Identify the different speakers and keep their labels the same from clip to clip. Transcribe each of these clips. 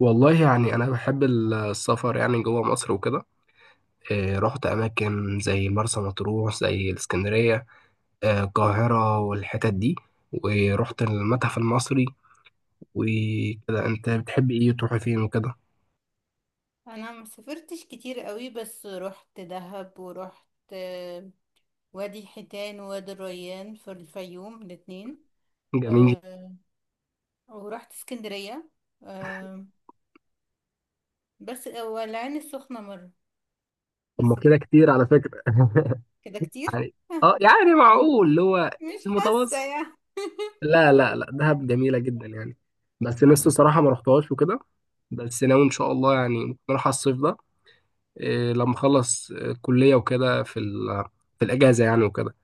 Speaker 1: والله يعني أنا بحب السفر يعني جوه مصر وكده. رحت أماكن زي مرسى مطروح زي الإسكندرية، القاهرة والحتت دي. ورحت المتحف المصري وكده. أنت بتحب إيه؟ تروح فين وكده؟
Speaker 2: انا ما سافرتش كتير قوي بس رحت دهب ورحت آه، وادي حيتان ووادي الريان في الفيوم الاتنين.
Speaker 1: جميل.
Speaker 2: آه، ورحت اسكندرية. آه، بس والعين السخنة مرة.
Speaker 1: طب ما
Speaker 2: بس
Speaker 1: كده
Speaker 2: كده.
Speaker 1: كتير على فكرة
Speaker 2: كده كتير.
Speaker 1: يعني يعني معقول اللي هو
Speaker 2: مش
Speaker 1: المتوسط.
Speaker 2: حاسة يعني.
Speaker 1: لا لا لا، دهب جميلة جدا يعني. بس لسه صراحة ما رحتهاش وكده. بس ناوي إن شاء الله يعني ممكن أروح الصيف ده. لما اخلص كلية وكده في الأجازة يعني وكده.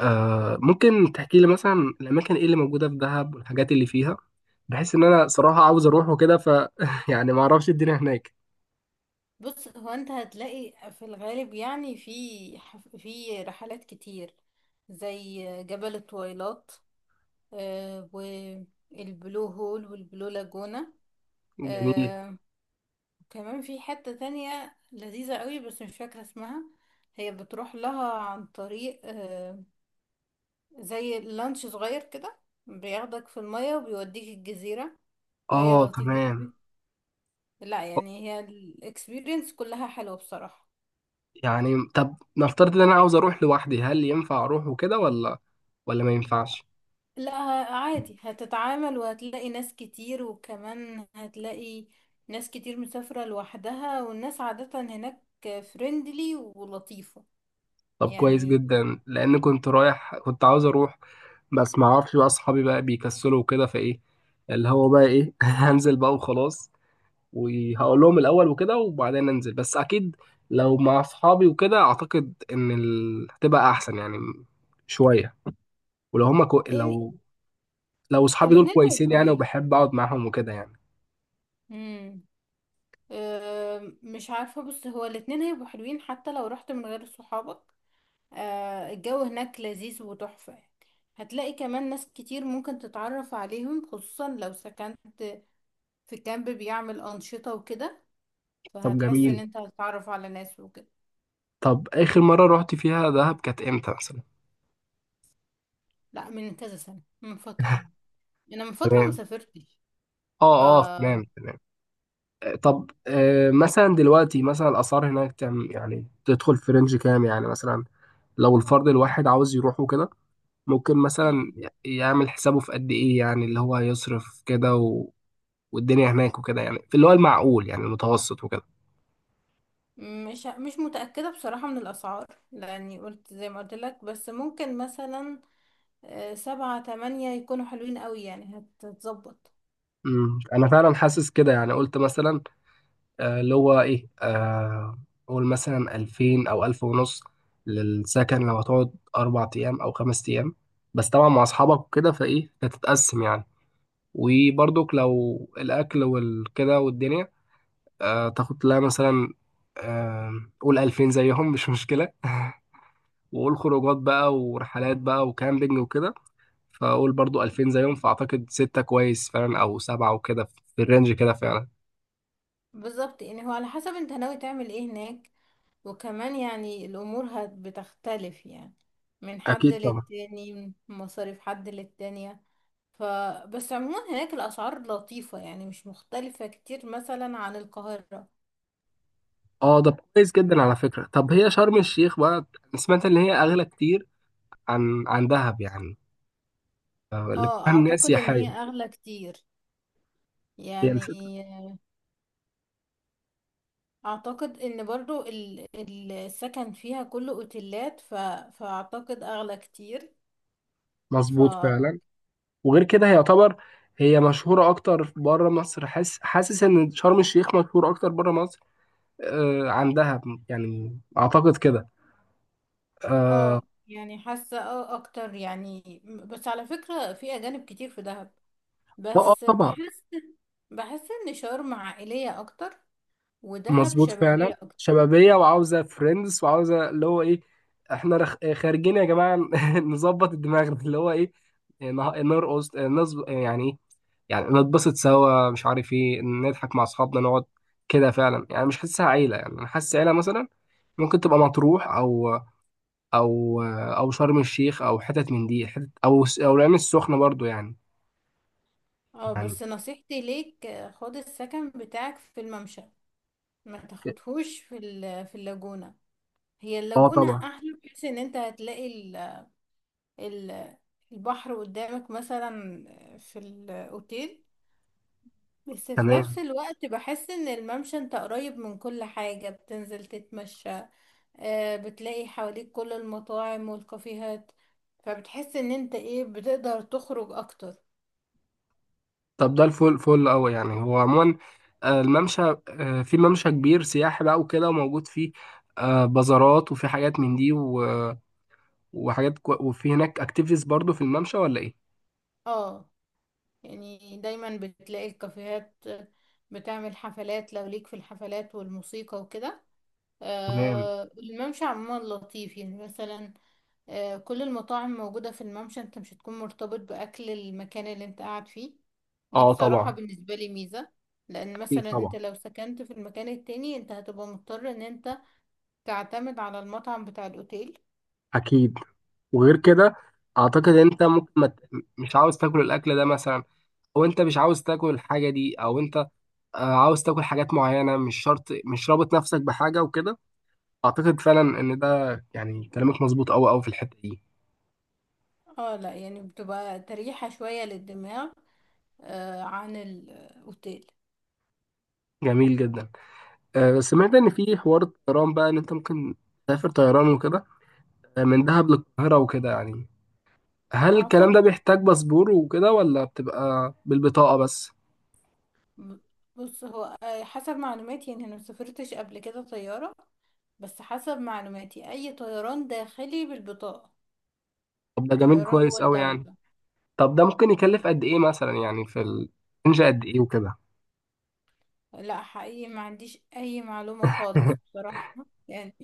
Speaker 1: ممكن تحكي لي مثلا الأماكن إيه اللي موجودة في دهب والحاجات اللي فيها، بحيث إن أنا صراحة عاوز أروح وكده. يعني ما أعرفش الدنيا هناك.
Speaker 2: بص، هو انت هتلاقي في الغالب يعني في رحلات كتير زي جبل الطويلات، والبلو هول والبلو لاجونا.
Speaker 1: جميل.
Speaker 2: آه، كمان في حتة تانية لذيذة قوي بس مش فاكرة اسمها. هي بتروح لها عن طريق زي لانش صغير كده، بياخدك في المية وبيوديك الجزيرة. فهي لطيفة
Speaker 1: تمام.
Speaker 2: قوي. لا، يعني هي الاكسبيرينس كلها حلوة بصراحة.
Speaker 1: يعني طب نفترض إن أنا عاوز أروح لوحدي، هل ينفع أروح وكده ولا ما ينفعش؟
Speaker 2: لا، عادي، هتتعامل وهتلاقي ناس كتير، وكمان هتلاقي ناس كتير مسافرة لوحدها، والناس عادة هناك فريندلي ولطيفة.
Speaker 1: طب كويس
Speaker 2: يعني،
Speaker 1: جدا، لأن كنت رايح، كنت عاوز أروح. بس ما أعرفش بقى، أصحابي بقى بيكسلوا وكده، فإيه اللي هو بقى إيه هنزل بقى وخلاص، وهقول لهم الاول وكده وبعدين ننزل. بس اكيد لو مع اصحابي وكده، اعتقد ان هتبقى احسن يعني شويه. ولو هم كو...
Speaker 2: يعني
Speaker 1: لو لو اصحابي دول
Speaker 2: الاتنين
Speaker 1: كويسين
Speaker 2: هيبقوا
Speaker 1: يعني،
Speaker 2: حلوين.
Speaker 1: وبحب اقعد معاهم وكده يعني.
Speaker 2: امم أه، مش عارفة. بص، هو الاتنين هيبقوا حلوين حتى لو رحت من غير صحابك. أه، الجو هناك لذيذ وتحفة يعني. هتلاقي كمان ناس كتير ممكن تتعرف عليهم، خصوصا لو سكنت في كامب بيعمل أنشطة وكده،
Speaker 1: طب
Speaker 2: فهتحس ان
Speaker 1: جميل.
Speaker 2: انت هتتعرف على ناس وكده.
Speaker 1: طب اخر مره رحت فيها دهب كانت امتى مثلا؟
Speaker 2: لا، من كذا سنة، من فترة يعني. انا من فترة
Speaker 1: تمام.
Speaker 2: مسافرتش. ف
Speaker 1: اه تمام تمام. طب مثلا دلوقتي مثلا الاسعار هناك كام يعني؟ تدخل في رينج كام يعني مثلا، لو الفرد الواحد عاوز يروح وكده؟ ممكن مثلا
Speaker 2: يعني
Speaker 1: يعمل حسابه في قد ايه يعني، اللي هو هيصرف كده والدنيا هناك وكده يعني، في اللي هو المعقول يعني المتوسط وكده.
Speaker 2: مش متأكدة بصراحة من الأسعار، لأني قلت زي ما قلت لك، بس ممكن مثلا سبعة تمانية يكونوا حلوين قوي، يعني هتظبط.
Speaker 1: امم، انا فعلا حاسس كده. يعني قلت مثلا اللي هو ايه، قول مثلا 2000 او 1000 ونص للسكن، لو هتقعد 4 ايام او 5 ايام، بس طبعا مع اصحابك وكده فايه هتتقسم يعني. وبرضك لو الاكل والكده والدنيا، تاخد لها مثلا، آه، قول 2000 زيهم مش مشكلة. وقول خروجات بقى ورحلات بقى وكامبينج وكده، فاقول برضو 2000 زيهم، فاعتقد ستة كويس فعلا او سبعة وكده، في الرينج كده فعلا.
Speaker 2: بالظبط، يعني هو على حسب انت ناوي تعمل ايه هناك، وكمان يعني الامور بتختلف يعني، من حد
Speaker 1: اكيد طبعا.
Speaker 2: للتاني، من مصاريف حد للتانية. ف بس عموما هناك الاسعار لطيفة يعني، مش مختلفة كتير مثلا عن القاهرة.
Speaker 1: اه ده كويس جدا على فكرة. طب هي شرم الشيخ بقى، أنا سمعت ان هي اغلى كتير عن دهب يعني، اللي كلها
Speaker 2: اه،
Speaker 1: الناس
Speaker 2: اعتقد ان هي
Speaker 1: سياحية.
Speaker 2: اغلى كتير
Speaker 1: هي
Speaker 2: يعني.
Speaker 1: الفكرة.
Speaker 2: اعتقد ان برضو السكن فيها كله اوتيلات. فاعتقد اغلى كتير.
Speaker 1: مظبوط فعلا. وغير كده هي يعتبر، هي مشهورة اكتر بره مصر. حاسس حاسس ان شرم الشيخ مشهورة اكتر بره مصر عن دهب يعني، اعتقد كده. اه.
Speaker 2: اه يعني حاسة اه اكتر يعني، بس على فكرة في اجانب كتير في دهب، بس
Speaker 1: طبعا.
Speaker 2: بحس ان شرم عائلية اكتر، ودهب
Speaker 1: مظبوط
Speaker 2: شبابية
Speaker 1: فعلا،
Speaker 2: اكتر.
Speaker 1: شبابيه وعاوزه فريندز وعاوزه اللي هو ايه. احنا خارجين يا جماعه نظبط الدماغ اللي هو ايه. نرقص يعني ايه، يعني نتبسط سوا، مش عارف ايه، نضحك مع اصحابنا، نقعد كده فعلا. يعني مش حاسسها عيله. يعني انا حاسس عيله مثلا ممكن تبقى مطروح، او او او شرم الشيخ، او حتت من دي حتت، او العين السخنه برضو يعني.
Speaker 2: اه،
Speaker 1: يعني
Speaker 2: بس نصيحتي ليك خد السكن بتاعك في الممشى، ما تاخدهوش في في اللاجونة. هي
Speaker 1: اه
Speaker 2: اللاجونة
Speaker 1: طبعا.
Speaker 2: احلى، بحيث ان انت هتلاقي ال- البحر قدامك مثلا في الاوتيل. بس في
Speaker 1: تمام.
Speaker 2: نفس الوقت بحس ان الممشى انت قريب من كل حاجة، بتنزل تتمشى، بتلاقي حواليك كل المطاعم والكافيهات، فبتحس ان انت ايه بتقدر تخرج اكتر.
Speaker 1: طب ده الفل فل قوي يعني. هو عموما الممشى، في ممشى كبير سياحي بقى وكده، وموجود فيه بازارات، وفي حاجات من دي وفي هناك اكتيفيتيز برضو في الممشى ولا ايه؟
Speaker 2: اه يعني، دايما بتلاقي الكافيهات بتعمل حفلات، لو ليك في الحفلات والموسيقى وكده.
Speaker 1: تمام.
Speaker 2: آه، الممشى عموما لطيف يعني، مثلا آه كل المطاعم موجودة في الممشى. انت مش هتكون مرتبط بأكل المكان اللي انت قاعد فيه. دي
Speaker 1: اه
Speaker 2: بصراحة
Speaker 1: طبعا.
Speaker 2: بالنسبة لي ميزة، لأن
Speaker 1: اكيد
Speaker 2: مثلا انت
Speaker 1: طبعا.
Speaker 2: لو سكنت في المكان التاني انت هتبقى مضطر ان انت تعتمد على المطعم بتاع الأوتيل.
Speaker 1: اكيد. وغير كده اعتقد انت ممكن ما ت- مش عاوز تاكل الاكل ده مثلا، او انت مش عاوز تاكل الحاجه دي، او انت عاوز تاكل حاجات معينه، مش شرط، مش رابط نفسك بحاجه وكده. اعتقد فعلا ان ده يعني كلامك مظبوط قوي قوي في الحته دي.
Speaker 2: اه لا، يعني بتبقى تريحة شوية للدماغ آه عن الأوتيل.
Speaker 1: جميل جدا. سمعت ان في حوار الطيران بقى، ان انت ممكن تسافر طيران وكده من دهب للقاهرة وكده يعني. هل الكلام
Speaker 2: أعتقد
Speaker 1: ده بيحتاج باسبور وكده، ولا بتبقى بالبطاقة بس؟
Speaker 2: ب- بص، هو حسب معلوماتي يعني أنا مسافرتش قبل كده طيارة، بس حسب معلوماتي أي طيران داخلي بالبطاقة.
Speaker 1: طب ده جميل،
Speaker 2: طيران جوه
Speaker 1: كويس قوي يعني.
Speaker 2: الدولة.
Speaker 1: طب ده ممكن يكلف قد ايه مثلا يعني، في الرينج قد ايه وكده؟
Speaker 2: لا حقيقي ما عنديش أي معلومة خالص بصراحة يعني.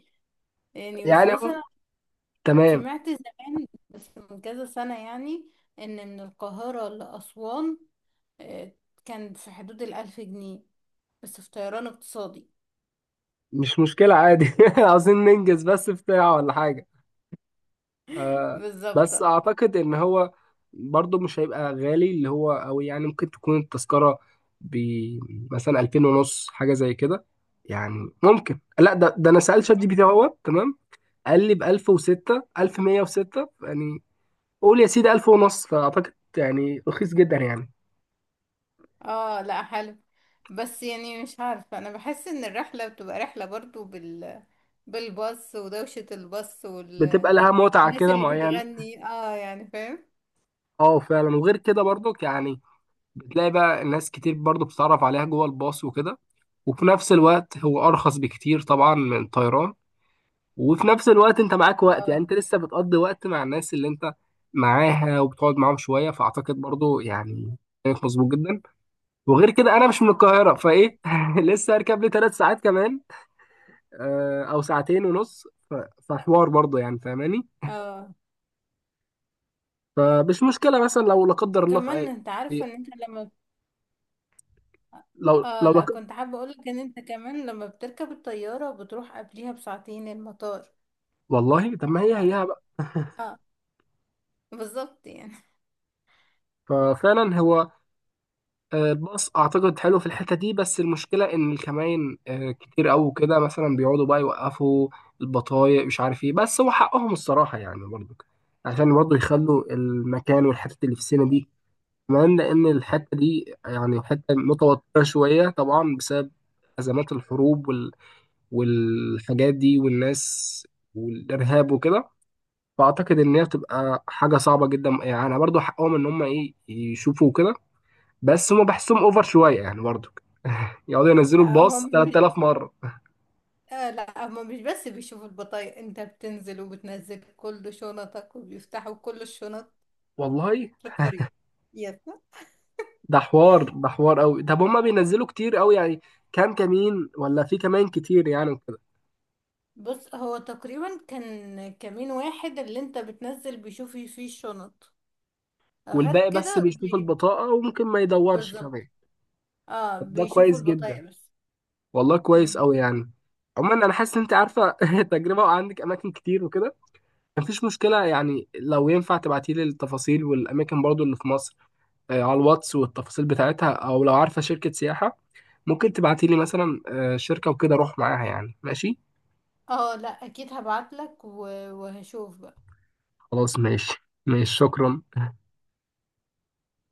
Speaker 2: يعني، بس
Speaker 1: يعني
Speaker 2: مثلا
Speaker 1: تمام،
Speaker 2: سمعت زمان، بس من كذا سنة يعني، إن من القاهرة لأسوان آه، كان في حدود 1000 جنيه، بس في طيران اقتصادي.
Speaker 1: مش مشكلة عادي عاوزين ننجز بس بتاع ولا حاجة. آه.
Speaker 2: بالظبط.
Speaker 1: بس اعتقد ان هو برضه مش هيبقى غالي اللي هو، او يعني ممكن تكون التذكرة ب مثلا 2000 ونص حاجة زي كده. يعني ممكن، لا ده انا سألت شات جي بي تي اهوت تمام، قال لي ب 1006 1106 يعني، قول يا سيدي 1000 ونص. فاعتقد يعني رخيص جدا يعني.
Speaker 2: اه لا، حلو، بس يعني مش عارفة، أنا بحس إن الرحلة بتبقى رحلة برضو بالباص، ودوشة الباص
Speaker 1: بتبقى
Speaker 2: والناس
Speaker 1: لها متعة كده
Speaker 2: اللي
Speaker 1: معينة.
Speaker 2: بتغني اه، يعني فاهم.
Speaker 1: اه فعلا. وغير كده برضك يعني بتلاقي بقى ناس كتير برضو بتتعرف عليها جوه الباص وكده. وفي نفس الوقت هو أرخص بكتير طبعا من الطيران. وفي نفس الوقت انت معاك وقت، يعني
Speaker 2: اه،
Speaker 1: انت لسه بتقضي وقت مع الناس اللي انت معاها، وبتقعد معاهم شويه. فاعتقد برضو يعني كانت مظبوط جدا. وغير كده انا مش من القاهره فايه لسه هركب لي 3 ساعات كمان، او ساعتين ونص. فحوار برضو يعني فاهماني.
Speaker 2: اه،
Speaker 1: فمش مشكله مثلا لو لا قدر الله في
Speaker 2: وكمان
Speaker 1: اي،
Speaker 2: انت عارفة ان انت لما
Speaker 1: لو
Speaker 2: اه،
Speaker 1: لو لا
Speaker 2: لا،
Speaker 1: ق-
Speaker 2: كنت حابة اقولك ان انت كمان لما بتركب الطيارة بتروح قبليها بساعتين المطار.
Speaker 1: والله طب ما هي
Speaker 2: ف...
Speaker 1: هيها بقى.
Speaker 2: اه، بالظبط يعني.
Speaker 1: ففعلا هو باص اعتقد حلو في الحته دي، بس المشكله ان الكمائن كتير قوي كده، مثلا بيقعدوا بقى يوقفوا البطايق مش عارف ايه. بس هو حقهم الصراحه يعني برضو، عشان برضو يخلوا المكان والحته اللي في السينما دي. كمان لان الحته دي يعني حته متوتره شويه طبعا، بسبب ازمات الحروب والحاجات دي والناس والارهاب وكده. فاعتقد ان هي بتبقى حاجه صعبه جدا يعني. برضو حقهم ان هم ايه يشوفوا كده، بس هم بحسهم اوفر شويه يعني برضو. يقعدوا ينزلوا
Speaker 2: لا
Speaker 1: الباص
Speaker 2: هم مش
Speaker 1: 3000 مرة.
Speaker 2: لا هما مش بس بيشوفوا البطايق، انت بتنزل وبتنزل كل شنطك وبيفتحوا كل الشنط
Speaker 1: والله،
Speaker 2: في الطريق. يس.
Speaker 1: ده حوار، ده حوار قوي. طب هما بينزلوا كتير قوي يعني؟ كام كمين، ولا في كمان كتير يعني وكده؟
Speaker 2: بص، هو تقريبا كان كمين واحد اللي انت بتنزل بيشوف فيه الشنط، غير
Speaker 1: والباقي بس
Speaker 2: كده
Speaker 1: بيشوف البطاقة، وممكن ما يدورش
Speaker 2: بالظبط،
Speaker 1: كمان.
Speaker 2: اه،
Speaker 1: طب ده
Speaker 2: بيشوفوا
Speaker 1: كويس جدا.
Speaker 2: البطايق بس.
Speaker 1: والله كويس
Speaker 2: مم.
Speaker 1: قوي يعني. عموما انا حاسس ان انت عارفة تجربة وعندك اماكن كتير وكده، مفيش مشكلة يعني. لو ينفع تبعتي لي التفاصيل والاماكن برضو اللي في مصر على الواتس والتفاصيل بتاعتها، او لو عارفة شركة سياحة ممكن تبعتي لي مثلا شركة وكده اروح معاها يعني. ماشي
Speaker 2: اه لا، اكيد هبعتلك وهشوف.
Speaker 1: خلاص، ماشي ماشي، شكرا.